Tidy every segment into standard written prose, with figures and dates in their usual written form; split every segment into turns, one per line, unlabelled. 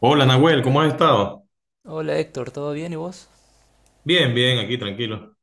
Hola Nahuel, ¿cómo has estado?
Hola Héctor, ¿todo bien y vos?
Bien, bien, aquí tranquilo.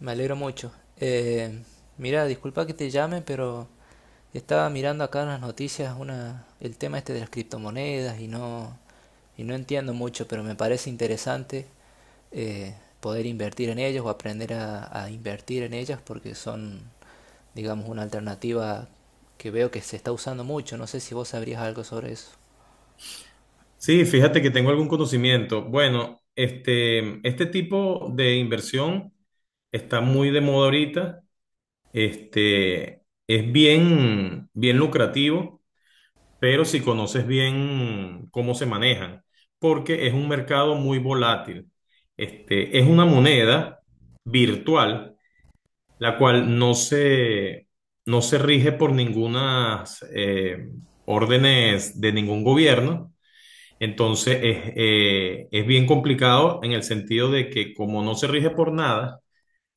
Me alegro mucho. Mira, disculpa que te llame, pero estaba mirando acá en las noticias el tema este de las criptomonedas y y no entiendo mucho, pero me parece interesante poder invertir en ellas o aprender a invertir en ellas porque son, digamos, una alternativa que veo que se está usando mucho. No sé si vos sabrías algo sobre eso.
Sí, fíjate que tengo algún conocimiento. Bueno, este tipo de inversión está muy de moda ahorita. Este, es bien, bien lucrativo, pero si conoces bien cómo se manejan, porque es un mercado muy volátil. Este, es una moneda virtual la cual no se rige por ninguna eh, órdenes de ningún gobierno. Entonces es bien complicado en el sentido de que como no se rige por nada,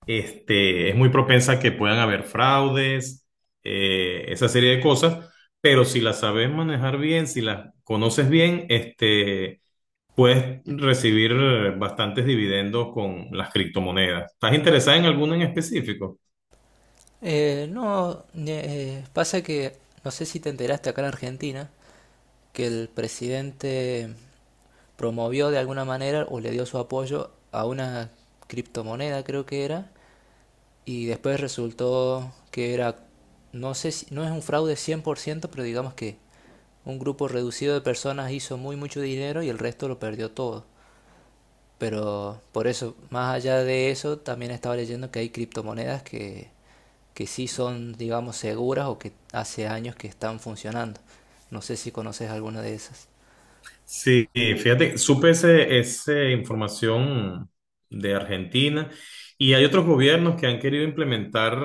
este, es muy propensa a que puedan haber fraudes, esa serie de cosas, pero si las sabes manejar bien, si las conoces bien, este, puedes recibir bastantes dividendos con las criptomonedas. ¿Estás interesada en alguna en específico?
No, pasa que no sé si te enteraste acá en Argentina que el presidente promovió de alguna manera o le dio su apoyo a una criptomoneda, creo que era, y después resultó que era, no sé si, no es un fraude 100%, pero digamos que un grupo reducido de personas hizo muy mucho dinero y el resto lo perdió todo. Pero por eso, más allá de eso, también estaba leyendo que hay criptomonedas que sí son, digamos, seguras o que hace años que están funcionando. No sé si conoces alguna de esas.
Sí, fíjate, supe esa información de Argentina y hay otros gobiernos que han querido implementar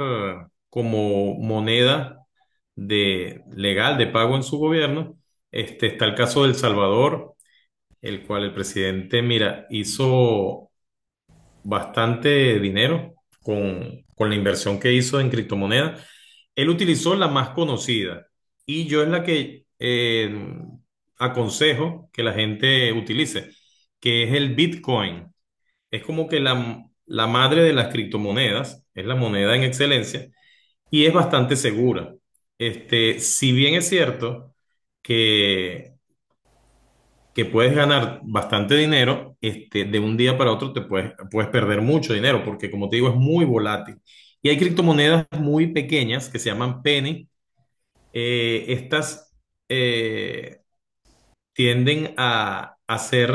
como moneda legal de pago en su gobierno. Este, está el caso de El Salvador, el cual el presidente, mira, hizo bastante dinero con la inversión que hizo en criptomonedas. Él utilizó la más conocida y yo es la que aconsejo que la gente utilice, que es el Bitcoin. Es como que la madre de las criptomonedas, es la moneda en excelencia y es bastante segura. Este, si bien es cierto que que puedes ganar bastante dinero, este, de un día para otro te puedes perder mucho dinero, porque como te digo, es muy volátil. Y hay criptomonedas muy pequeñas que se llaman penny. Estas, eh, tienden a ser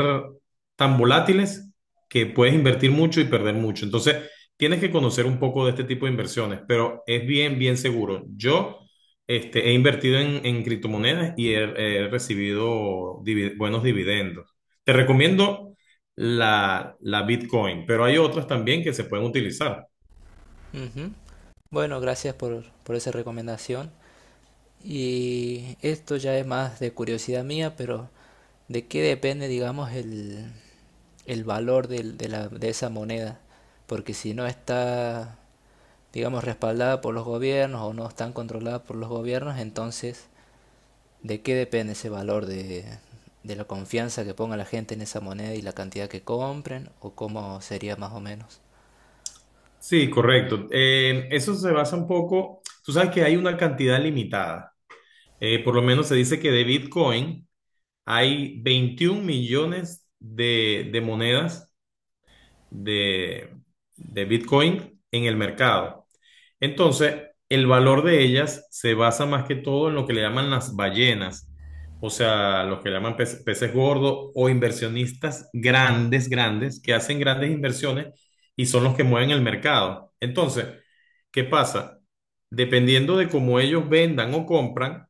tan volátiles que puedes invertir mucho y perder mucho. Entonces, tienes que conocer un poco de este tipo de inversiones, pero es bien, bien seguro. Yo este, he invertido en criptomonedas y he recibido buenos dividendos. Te recomiendo la Bitcoin, pero hay otras también que se pueden utilizar.
Ujú. Bueno, gracias por esa recomendación. Y esto ya es más de curiosidad mía, pero ¿de qué depende, digamos, el valor de esa moneda? Porque si no está, digamos, respaldada por los gobiernos o no están controladas por los gobiernos, entonces, ¿de qué depende ese valor de la confianza que ponga la gente en esa moneda y la cantidad que compren? ¿O cómo sería más o menos?
Sí, correcto. Eso se basa un poco, tú sabes que hay una cantidad limitada. Por lo menos se dice que de Bitcoin hay 21 millones de monedas de, de Bitcoin en el mercado. Entonces, el valor de ellas se basa más que todo en lo que le llaman las ballenas, o sea, los que le llaman peces gordos o inversionistas grandes, grandes, que hacen grandes inversiones y son los que mueven el mercado. Entonces, ¿qué pasa? Dependiendo de cómo ellos vendan o compran,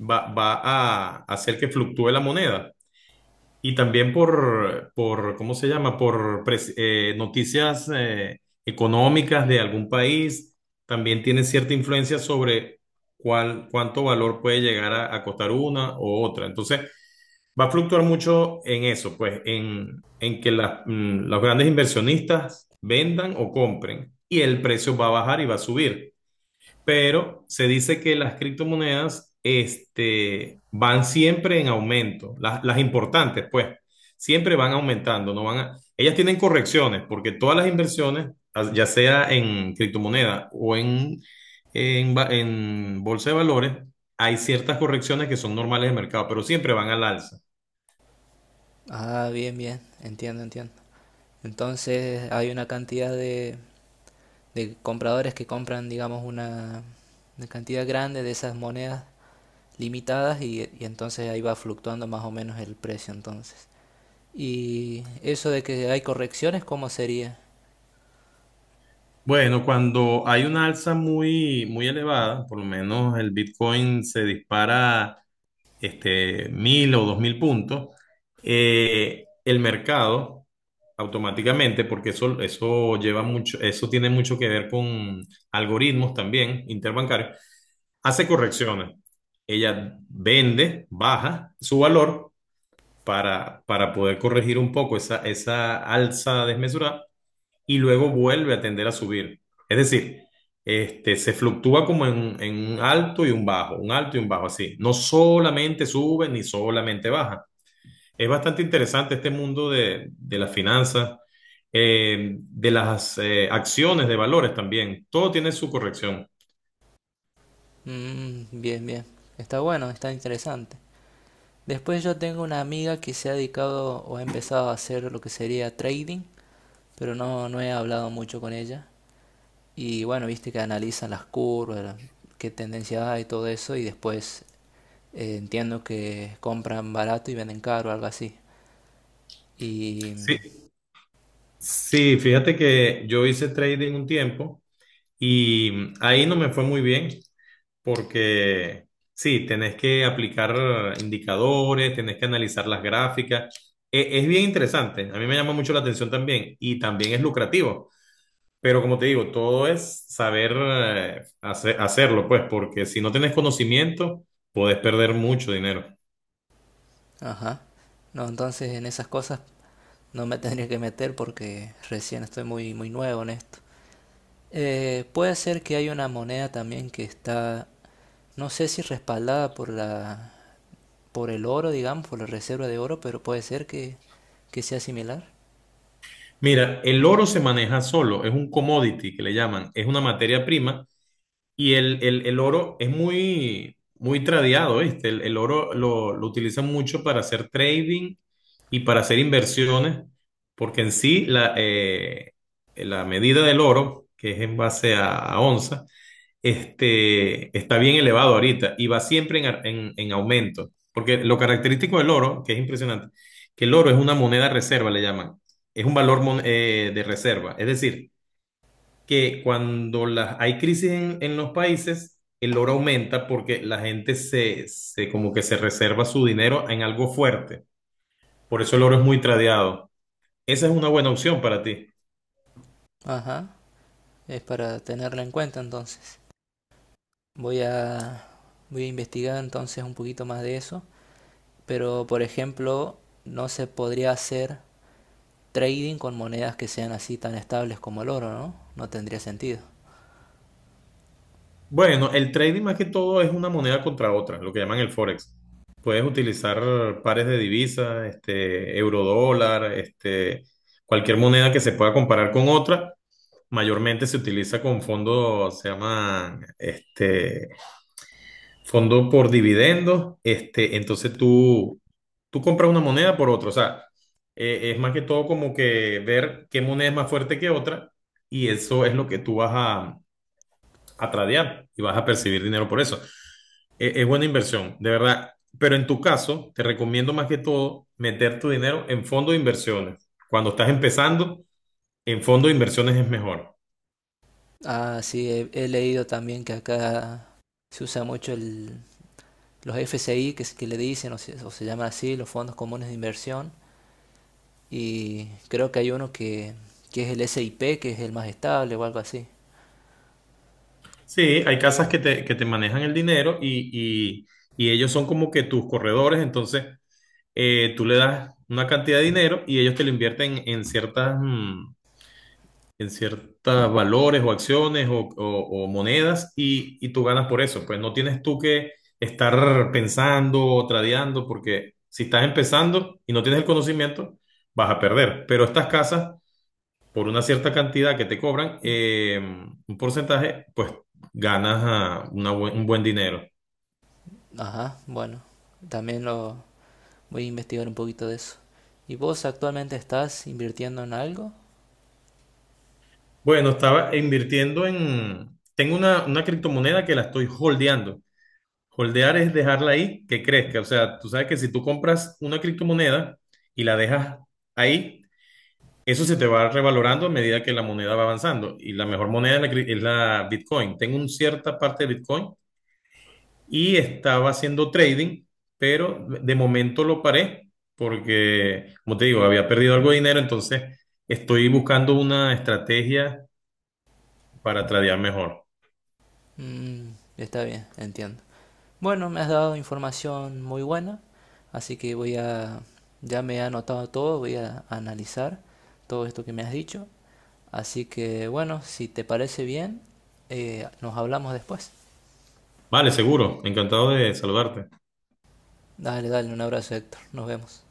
va a hacer que fluctúe la moneda. Y también ¿cómo se llama? Por noticias económicas de algún país, también tiene cierta influencia sobre cuánto valor puede llegar a costar una o otra. Entonces, va a fluctuar mucho en eso, pues, en que los grandes inversionistas vendan o compren y el precio va a bajar y va a subir, pero se dice que las criptomonedas este, van siempre en aumento, las importantes, pues, siempre van aumentando, no ellas tienen correcciones, porque todas las inversiones, ya sea en criptomonedas o en bolsa de valores, hay ciertas correcciones que son normales de mercado, pero siempre van al alza.
Ah, bien, bien, entiendo, entiendo. Entonces hay una cantidad de compradores que compran, digamos, una cantidad grande de esas monedas limitadas y entonces ahí va fluctuando más o menos el precio entonces. Y eso de que hay correcciones, ¿cómo sería?
Bueno, cuando hay una alza muy, muy elevada, por lo menos el Bitcoin se dispara este, 1.000 o 2.000 puntos, el mercado automáticamente, porque eso lleva mucho, eso tiene mucho que ver con algoritmos también interbancarios, hace correcciones. Ella vende, baja su valor para poder corregir un poco esa alza desmesurada y luego vuelve a tender a subir. Es decir, este, se fluctúa como en un alto y un bajo, un alto y un bajo, así. No solamente sube ni solamente baja. Es bastante interesante este mundo de las finanzas, de las acciones de valores también. Todo tiene su corrección.
Mm, bien, bien. Está bueno, está interesante. Después yo tengo una amiga que se ha dedicado o ha empezado a hacer lo que sería trading, pero no, no he hablado mucho con ella. Y bueno, viste que analizan las curvas, qué tendencia hay, y todo eso, y después entiendo que compran barato y venden caro, algo así. Y...
Sí, sí, fíjate que yo hice trading un tiempo y ahí no me fue muy bien porque sí, tenés que aplicar indicadores, tenés que analizar las gráficas. Es bien interesante, a mí me llama mucho la atención también y también es lucrativo. Pero como te digo, todo es saber hacerlo, pues, porque si no tenés conocimiento, podés perder mucho dinero.
Ajá. No, entonces en esas cosas no me tendría que meter porque recién estoy muy, muy nuevo en esto. Puede ser que hay una moneda también que está, no sé si respaldada por la, por el oro, digamos, por la reserva de oro, pero puede ser que sea similar.
Mira, el oro se maneja solo, es un commodity que le llaman, es una materia prima. Y el oro es muy, muy tradeado, ¿viste? El oro lo utilizan mucho para hacer trading y para hacer inversiones, porque en sí la medida del oro, que es en base a onza, este, está bien elevado ahorita y va siempre en, ar- en aumento, porque lo característico del oro, que es impresionante, que el oro es una moneda reserva, le llaman, es un valor de reserva, es decir, que cuando las hay crisis en los países, el oro aumenta porque la gente como que se reserva su dinero en algo fuerte. Por eso el oro es muy tradeado. Esa es una buena opción para ti.
Ajá, es para tenerla en cuenta entonces. Voy a, voy a investigar entonces un poquito más de eso. Pero, por ejemplo, no se podría hacer trading con monedas que sean así tan estables como el oro, ¿no? No tendría sentido.
Bueno, el trading más que todo es una moneda contra otra, lo que llaman el forex. Puedes utilizar pares de divisas, este, euro dólar, este, cualquier moneda que se pueda comparar con otra. Mayormente se utiliza con fondos, se llaman este, fondo por dividendos, este, entonces tú compras una moneda por otra, o sea, es más que todo como que ver qué moneda es más fuerte que otra y eso es lo que tú vas a tradear y vas a percibir dinero por eso. Es buena inversión, de verdad, pero en tu caso te recomiendo más que todo meter tu dinero en fondos de inversiones. Cuando estás empezando, en fondos de inversiones es mejor.
Ah, sí, he leído también que acá se usa mucho los FCI, que, que le dicen, o se llaman así, los fondos comunes de inversión. Y creo que hay uno que es el SIP, que es el más estable o algo así.
Sí, hay casas que te manejan el dinero y ellos son como que tus corredores, entonces tú le das una cantidad de dinero y ellos te lo invierten en ciertas, mm, en ciertos valores o acciones o monedas y tú ganas por eso. Pues no tienes tú que estar pensando o tradeando porque si estás empezando y no tienes el conocimiento, vas a perder. Pero estas casas, por una cierta cantidad que te cobran, un porcentaje, pues ganas una un buen dinero.
Ajá, bueno, también lo voy a investigar un poquito de eso. ¿Y vos actualmente estás invirtiendo en algo?
Bueno, estaba invirtiendo en... Tengo una criptomoneda que la estoy holdeando. Holdear es dejarla ahí que crezca. O sea, tú sabes que si tú compras una criptomoneda y la dejas ahí, eso se te va revalorando a medida que la moneda va avanzando. Y la mejor moneda es es la Bitcoin. Tengo una cierta parte de Bitcoin y estaba haciendo trading, pero de momento lo paré porque, como te digo, había perdido algo de dinero. Entonces, estoy buscando una estrategia para tradear mejor.
Mm, está bien, entiendo. Bueno, me has dado información muy buena, así que voy a, ya me he anotado todo, voy a analizar todo esto que me has dicho. Así que bueno, si te parece bien, nos hablamos después.
Vale, seguro. Encantado de saludarte.
Dale, dale, un abrazo, Héctor. Nos vemos.